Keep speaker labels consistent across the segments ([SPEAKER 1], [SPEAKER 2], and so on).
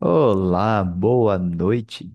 [SPEAKER 1] Olá, boa noite.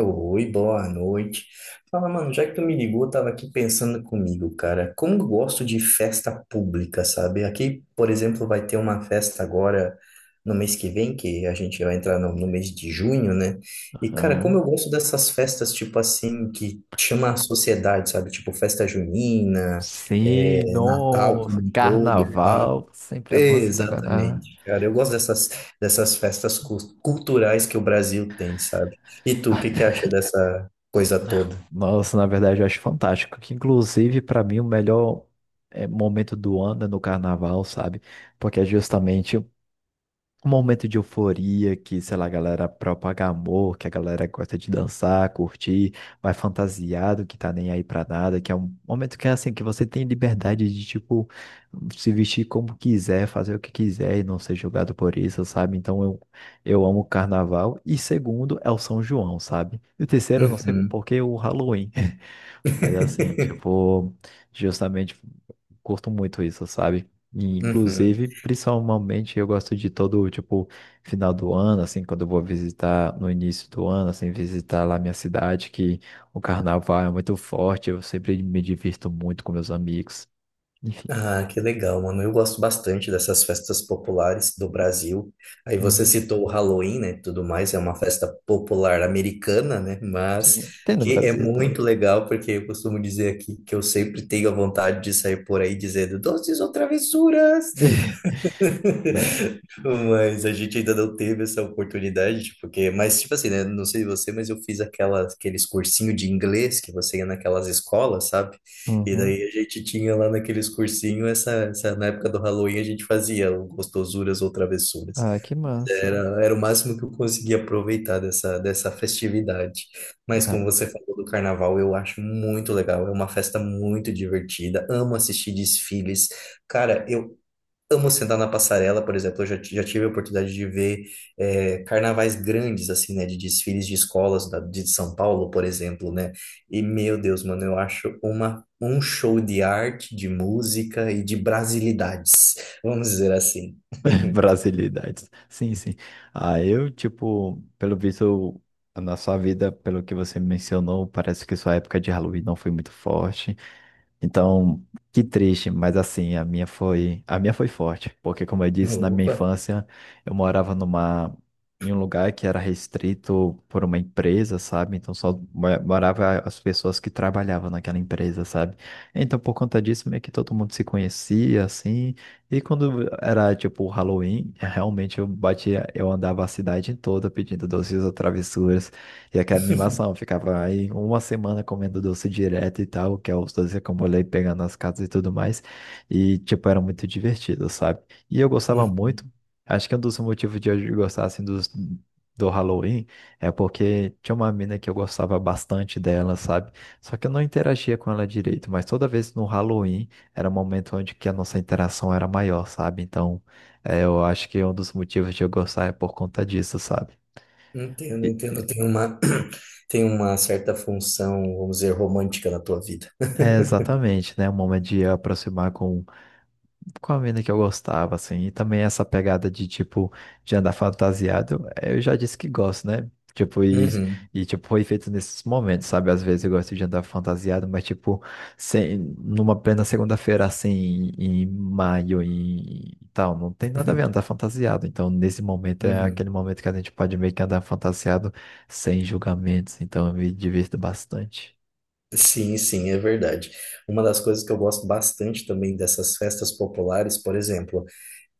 [SPEAKER 2] Oi, boa noite. Fala, mano, já que tu me ligou, eu tava aqui pensando comigo, cara. Como eu gosto de festa pública, sabe? Aqui, por exemplo, vai ter uma festa agora no mês que vem, que a gente vai entrar no mês de junho, né? E, cara, como eu
[SPEAKER 1] Aham.
[SPEAKER 2] gosto dessas festas, tipo assim, que chama a sociedade, sabe? Tipo festa junina,
[SPEAKER 1] Sim,
[SPEAKER 2] é, Natal como
[SPEAKER 1] nossa,
[SPEAKER 2] um todo, pá.
[SPEAKER 1] carnaval. Sempre é bom se dar carnaval.
[SPEAKER 2] Exatamente, cara. Eu gosto dessas festas culturais que o Brasil tem, sabe? E tu, o que que acha dessa coisa toda?
[SPEAKER 1] Nossa, na verdade, eu acho fantástico. Que, inclusive, para mim, o melhor momento do ano é no carnaval, sabe? Porque é justamente um momento de euforia que, sei lá, a galera propaga amor, que a galera gosta de dançar, curtir, vai fantasiado, que tá nem aí pra nada, que é um momento que é assim, que você tem liberdade de, tipo, se vestir como quiser, fazer o que quiser e não ser julgado por isso, sabe? Então eu amo o carnaval. E segundo é o São João, sabe? E o terceiro, eu não sei
[SPEAKER 2] Uhum.
[SPEAKER 1] por que o Halloween. Mas assim, tipo, justamente curto muito isso, sabe? E,
[SPEAKER 2] Uhum.
[SPEAKER 1] inclusive, principalmente eu gosto de todo, tipo, final do ano, assim, quando eu vou visitar no início do ano, assim, visitar lá minha cidade, que o carnaval é muito forte, eu sempre me divirto muito com meus amigos. Enfim.
[SPEAKER 2] Ah, que legal, mano. Eu gosto bastante dessas festas populares do Brasil. Aí você
[SPEAKER 1] Uhum.
[SPEAKER 2] citou o Halloween, né? Tudo mais, é uma festa popular americana, né? Mas
[SPEAKER 1] Sim. Tem no
[SPEAKER 2] que é
[SPEAKER 1] Brasil, tem.
[SPEAKER 2] muito legal, porque eu costumo dizer aqui que eu sempre tenho a vontade de sair por aí dizendo doces ou travessuras.
[SPEAKER 1] Né?
[SPEAKER 2] Mas a gente ainda não teve essa oportunidade, tipo, porque, mas tipo assim, né? Não sei você, mas eu fiz aquela, aqueles cursinho de inglês que você ia naquelas escolas, sabe? E
[SPEAKER 1] Uhum.
[SPEAKER 2] daí a gente tinha lá naqueles cursinho essa na época do Halloween a gente fazia o gostosuras ou travessuras.
[SPEAKER 1] Ah, que massa.
[SPEAKER 2] Era o máximo que eu conseguia aproveitar dessa festividade. Mas como você falou do carnaval, eu acho muito legal. É uma festa muito divertida. Amo assistir desfiles. Cara, eu amo sentar na passarela, por exemplo, eu já, já tive a oportunidade de ver carnavais grandes, assim, né, de desfiles de escolas de São Paulo, por exemplo, né, e meu Deus, mano, eu acho uma, um show de arte, de música e de brasilidades, vamos dizer assim.
[SPEAKER 1] Brasilidades. Sim, sim. Ah, eu, tipo, pelo visto, na sua vida, pelo que você mencionou, parece que sua época de Halloween não foi muito forte. Então, que triste, mas assim, a minha foi forte, porque como eu disse, na minha
[SPEAKER 2] Opa!
[SPEAKER 1] infância, eu morava numa em um lugar que era restrito por uma empresa, sabe? Então só morava as pessoas que trabalhavam naquela empresa, sabe? Então, por conta disso, meio que todo mundo se conhecia assim, e quando era tipo o Halloween, realmente eu andava a cidade toda pedindo doces ou travessuras e aquela animação, ficava aí uma semana comendo doce direto e tal, que é os doces que eu molhei pegando nas casas e tudo mais. E, tipo, era muito divertido, sabe? E eu gostava muito.
[SPEAKER 2] Uhum.
[SPEAKER 1] Acho que um dos motivos de eu gostar, assim, do Halloween é porque tinha uma mina que eu gostava bastante dela, sabe? Só que eu não interagia com ela direito, mas toda vez no Halloween era um momento onde que a nossa interação era maior, sabe? Então, eu acho que um dos motivos de eu gostar é por conta disso, sabe?
[SPEAKER 2] Entendo,
[SPEAKER 1] E,
[SPEAKER 2] entendo, tem uma, tem uma certa função, vamos dizer, romântica na tua vida.
[SPEAKER 1] é, exatamente, né? Um momento de aproximar com a mina que eu gostava, assim. E também essa pegada de, tipo, de andar fantasiado, é, eu já disse que gosto, né? Tipo,
[SPEAKER 2] Uhum.
[SPEAKER 1] e tipo, foi feito nesses momentos, sabe? Às vezes eu gosto de andar fantasiado, mas, tipo, sem, numa plena segunda-feira, assim, em maio e tal, não tem nada a ver andar fantasiado. Então, nesse momento, é
[SPEAKER 2] Uhum.
[SPEAKER 1] aquele momento que a gente pode meio que andar fantasiado sem julgamentos. Então, eu me divirto bastante.
[SPEAKER 2] Sim, sim, é verdade. Uma das coisas que eu gosto bastante também dessas festas populares, por exemplo,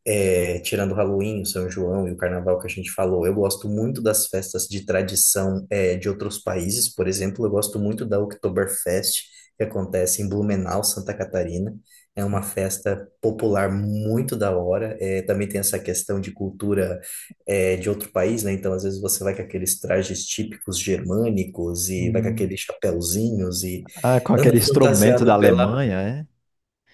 [SPEAKER 2] é, tirando o Halloween, o São João e o Carnaval que a gente falou, eu gosto muito das festas de tradição é, de outros países. Por exemplo, eu gosto muito da Oktoberfest, que acontece em Blumenau, Santa Catarina. É uma festa popular muito da hora. É, também tem essa questão de cultura é, de outro país, né? Então, às vezes você vai com aqueles trajes típicos germânicos e vai com
[SPEAKER 1] Hum.
[SPEAKER 2] aqueles chapéuzinhos e
[SPEAKER 1] Ah, com
[SPEAKER 2] anda
[SPEAKER 1] aquele instrumento da
[SPEAKER 2] fantasiado pela...
[SPEAKER 1] Alemanha, é?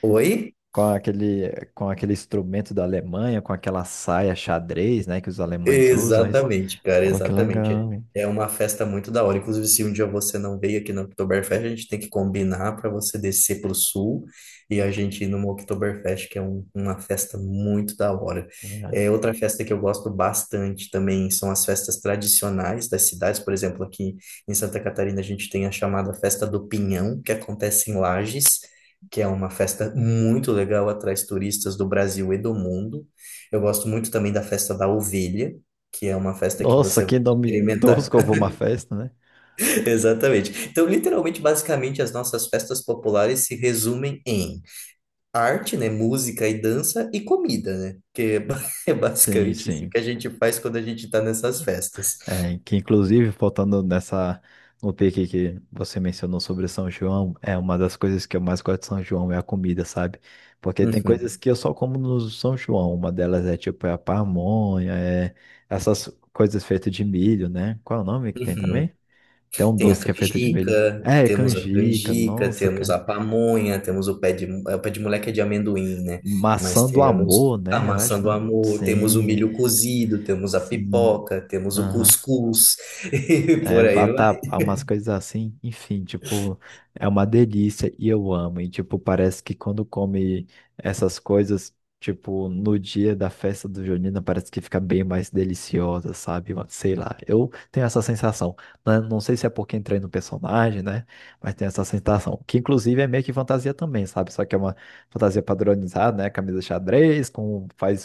[SPEAKER 2] Oi?
[SPEAKER 1] Com aquele instrumento da Alemanha, com aquela saia xadrez, né, que os alemães usam. Aí...
[SPEAKER 2] Exatamente, cara,
[SPEAKER 1] Pô, que
[SPEAKER 2] exatamente.
[SPEAKER 1] legal, hein?
[SPEAKER 2] É uma festa muito da hora. Inclusive, se um dia você não veio aqui no Oktoberfest, a gente tem que combinar para você descer para o sul e a gente ir numa Oktoberfest, que é uma festa muito da hora.
[SPEAKER 1] É.
[SPEAKER 2] É, outra festa que eu gosto bastante também são as festas tradicionais das cidades. Por exemplo, aqui em Santa Catarina, a gente tem a chamada Festa do Pinhão, que acontece em Lages, que é uma festa muito legal, atrai turistas do Brasil e do mundo. Eu gosto muito também da festa da ovelha, que é uma festa que
[SPEAKER 1] Nossa,
[SPEAKER 2] você vai
[SPEAKER 1] que nome
[SPEAKER 2] experimentar.
[SPEAKER 1] tosco pra uma festa, né?
[SPEAKER 2] Exatamente. Então, literalmente, basicamente, as nossas festas populares se resumem em arte, né, música e dança e comida, né? Que é é
[SPEAKER 1] Sim,
[SPEAKER 2] basicamente isso
[SPEAKER 1] sim.
[SPEAKER 2] que a gente faz quando a gente está nessas festas.
[SPEAKER 1] É, que inclusive, faltando nessa, no pique que você mencionou sobre São João, é uma das coisas que eu mais gosto de São João é a comida, sabe? Porque tem coisas
[SPEAKER 2] Uhum,
[SPEAKER 1] que eu só como no São João. Uma delas é tipo a pamonha, é essas coisas feitas de milho, né? Qual é o nome que tem
[SPEAKER 2] uhum.
[SPEAKER 1] também? Tem um
[SPEAKER 2] Tem a
[SPEAKER 1] doce que é feito de milho.
[SPEAKER 2] canjica,
[SPEAKER 1] É, canjica, nossa,
[SPEAKER 2] temos a
[SPEAKER 1] cara.
[SPEAKER 2] pamonha, temos o pé de, é, o pé de moleque é de amendoim, né? Mas
[SPEAKER 1] Maçã do
[SPEAKER 2] temos
[SPEAKER 1] amor,
[SPEAKER 2] a
[SPEAKER 1] né? Eu acho.
[SPEAKER 2] maçã do amor, temos o
[SPEAKER 1] Sim,
[SPEAKER 2] milho cozido, temos a
[SPEAKER 1] sim.
[SPEAKER 2] pipoca, temos o
[SPEAKER 1] Aham.
[SPEAKER 2] cuscuz, e
[SPEAKER 1] É,
[SPEAKER 2] por aí vai.
[SPEAKER 1] vatapá, umas coisas assim, enfim, tipo, é uma delícia e eu amo. E, tipo, parece que quando come essas coisas, tipo, no dia da festa do Junina, parece que fica bem mais deliciosa, sabe? Uma... Sei lá, eu tenho essa sensação. Né? Não sei se é porque entrei no personagem, né? Mas tenho essa sensação, que inclusive é meio que fantasia também, sabe? Só que é uma fantasia padronizada, né? Camisa xadrez, com, faz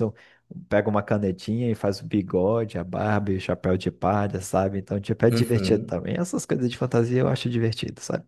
[SPEAKER 1] pega uma canetinha e faz o bigode, a barba e o chapéu de palha, sabe? Então, tipo, é divertido
[SPEAKER 2] Uhum.
[SPEAKER 1] também. Essas coisas de fantasia eu acho divertido, sabe?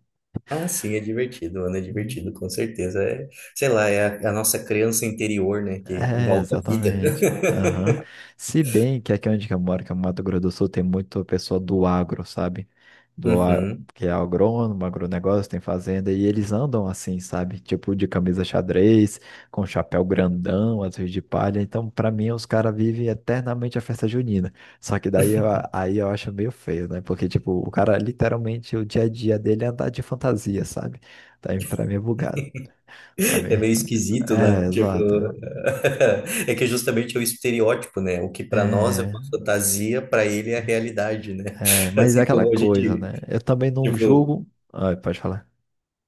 [SPEAKER 2] Ah, sim, é divertido, mano, é
[SPEAKER 1] Uhum.
[SPEAKER 2] divertido, com certeza. É, sei lá, é a nossa criança interior, né, que
[SPEAKER 1] É,
[SPEAKER 2] volta à vida.
[SPEAKER 1] exatamente. Aham. Se bem que aqui onde que eu moro, que é o Mato Grosso do Sul, tem muito pessoa do agro, sabe? Do a-
[SPEAKER 2] Uhum.
[SPEAKER 1] que é agrônomo, agronegócio, tem fazenda, e eles andam assim, sabe? Tipo de camisa xadrez, com chapéu grandão, azul de palha. Então, pra mim, os caras vivem eternamente a festa junina. Só que daí eu, aí eu acho meio feio, né? Porque, tipo, o cara literalmente o dia a dia dele é andar de fantasia, sabe? Daí pra mim é bugado. Pra mim.
[SPEAKER 2] É meio esquisito, né?
[SPEAKER 1] É,
[SPEAKER 2] Tipo,
[SPEAKER 1] exato.
[SPEAKER 2] é que justamente é o estereótipo, né? O que para nós é uma
[SPEAKER 1] É.
[SPEAKER 2] fantasia, para ele é a realidade, né?
[SPEAKER 1] É, mas é
[SPEAKER 2] Assim
[SPEAKER 1] aquela
[SPEAKER 2] como a
[SPEAKER 1] coisa,
[SPEAKER 2] gente,
[SPEAKER 1] né? Eu também não
[SPEAKER 2] tipo,
[SPEAKER 1] julgo. Ai, pode falar.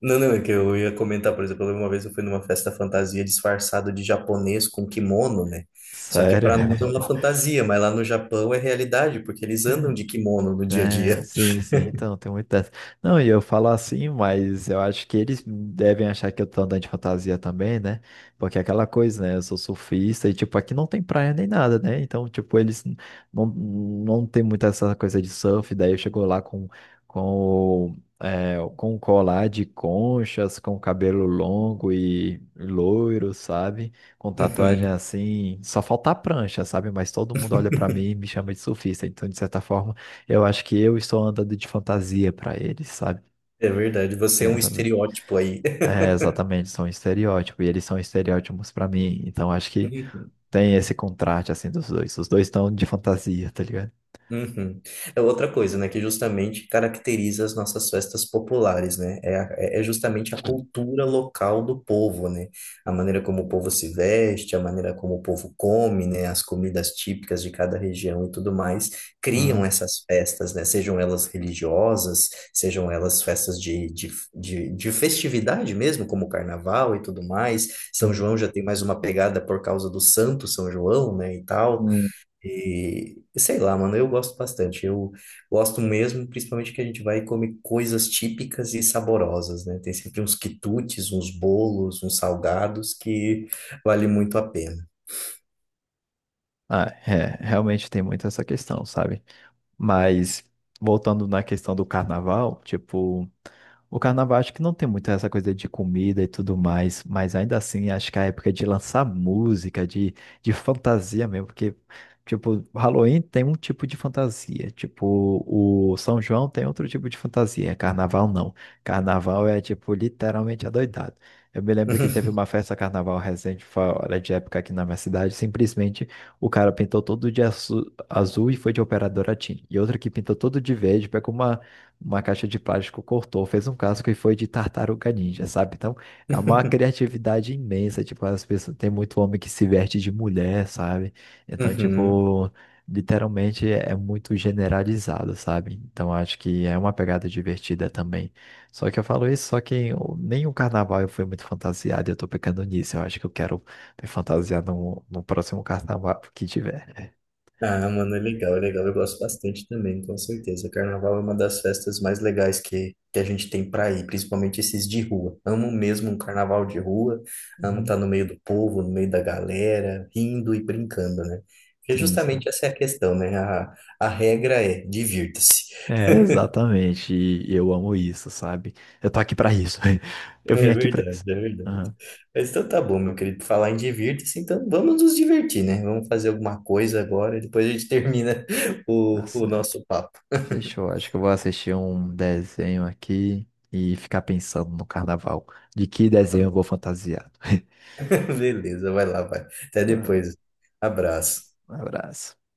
[SPEAKER 2] não, não, é que eu ia comentar, por exemplo, uma vez eu fui numa festa fantasia disfarçado de japonês com kimono, né? Só que
[SPEAKER 1] Sério.
[SPEAKER 2] para nós é uma fantasia, mas lá no Japão é realidade, porque eles andam de kimono no dia a
[SPEAKER 1] É,
[SPEAKER 2] dia.
[SPEAKER 1] sim, sim, então tem muito dessa. Não, e eu falo assim, mas eu acho que eles devem achar que eu tô andando de fantasia também, né? Porque é aquela coisa, né? Eu sou surfista e, tipo, aqui não tem praia nem nada, né? Então, tipo, não, não tem muita essa coisa de surf. Daí eu chego lá com, é, com um colar de conchas, com cabelo longo e loiro, sabe? Com tatuagem
[SPEAKER 2] Uhum.
[SPEAKER 1] assim. Só falta a prancha, sabe? Mas todo mundo olha pra mim e me chama de surfista. Então, de certa forma. Eu acho que eu estou andando de fantasia pra eles, sabe?
[SPEAKER 2] É verdade, você é
[SPEAKER 1] É,
[SPEAKER 2] um
[SPEAKER 1] sabe? Né?
[SPEAKER 2] estereótipo aí.
[SPEAKER 1] É, exatamente, são estereótipos, e eles são estereótipos pra mim, então acho que tem esse contraste, assim, dos dois. Os dois estão de fantasia, tá ligado?
[SPEAKER 2] Uhum. É outra coisa, né, que justamente caracteriza as nossas festas populares, né? É, é justamente a cultura local do povo, né? A maneira como o povo se veste, a maneira como o povo come, né? As comidas típicas de cada região e tudo mais criam
[SPEAKER 1] Aham,
[SPEAKER 2] essas festas, né? Sejam elas religiosas, sejam elas festas de festividade mesmo, como o carnaval e tudo mais. São
[SPEAKER 1] uhum.
[SPEAKER 2] João já tem mais uma pegada por causa do Santo São João, né? E tal.
[SPEAKER 1] Hum.
[SPEAKER 2] E sei lá, mano, eu gosto bastante. Eu gosto mesmo, principalmente que a gente vai e come coisas típicas e saborosas, né? Tem sempre uns quitutes, uns bolos, uns salgados que vale muito a pena.
[SPEAKER 1] Ah, é, realmente tem muito essa questão, sabe? Mas voltando na questão do carnaval, tipo, o carnaval acho que não tem muito essa coisa de comida e tudo mais, mas ainda assim acho que é a época de lançar música, de fantasia mesmo, porque, tipo, Halloween tem um tipo de fantasia, tipo, o São João tem outro tipo de fantasia, carnaval não. Carnaval é, tipo, literalmente adoidado. Eu me lembro que teve uma festa carnaval recente, fora de época aqui na minha cidade, simplesmente o cara pintou todo de azul e foi de operadora TIM. E outra que pintou todo de verde, pegou uma caixa de plástico, cortou, fez um casco e foi de tartaruga ninja, sabe? Então, é uma criatividade imensa, tipo, as pessoas, tem muito homem que se veste de mulher, sabe? Então,
[SPEAKER 2] Uhum.
[SPEAKER 1] tipo, literalmente é muito generalizado, sabe? Então, acho que é uma pegada divertida também. Só que eu falo isso, só que eu- nem o carnaval eu fui muito fantasiado, e eu tô pecando nisso. Eu acho que eu quero me fantasiar no próximo carnaval que tiver.
[SPEAKER 2] Ah, mano, é legal, é legal. Eu gosto bastante também, com certeza. Carnaval é uma das festas mais legais que a gente tem pra ir, principalmente esses de rua. Amo mesmo um carnaval de rua, amo
[SPEAKER 1] Uhum.
[SPEAKER 2] estar no meio do povo, no meio da galera, rindo e brincando, né? Porque
[SPEAKER 1] Sim,
[SPEAKER 2] justamente
[SPEAKER 1] sim.
[SPEAKER 2] essa é a questão, né? A regra é divirta-se.
[SPEAKER 1] É, exatamente. E eu amo isso, sabe? Eu tô aqui pra isso. Eu vim
[SPEAKER 2] É
[SPEAKER 1] aqui pra
[SPEAKER 2] verdade,
[SPEAKER 1] isso.
[SPEAKER 2] é verdade.
[SPEAKER 1] Aham,
[SPEAKER 2] Mas então tá bom, meu querido, falar em divirta-se, então vamos nos divertir, né? Vamos fazer alguma coisa agora, depois a gente termina
[SPEAKER 1] tá
[SPEAKER 2] o
[SPEAKER 1] certo.
[SPEAKER 2] nosso papo.
[SPEAKER 1] Fechou. Acho que eu vou assistir um desenho aqui e ficar pensando no carnaval. De que desenho eu vou fantasiado.
[SPEAKER 2] Beleza, vai lá, vai. Até
[SPEAKER 1] Ah,
[SPEAKER 2] depois. Abraço.
[SPEAKER 1] um abraço.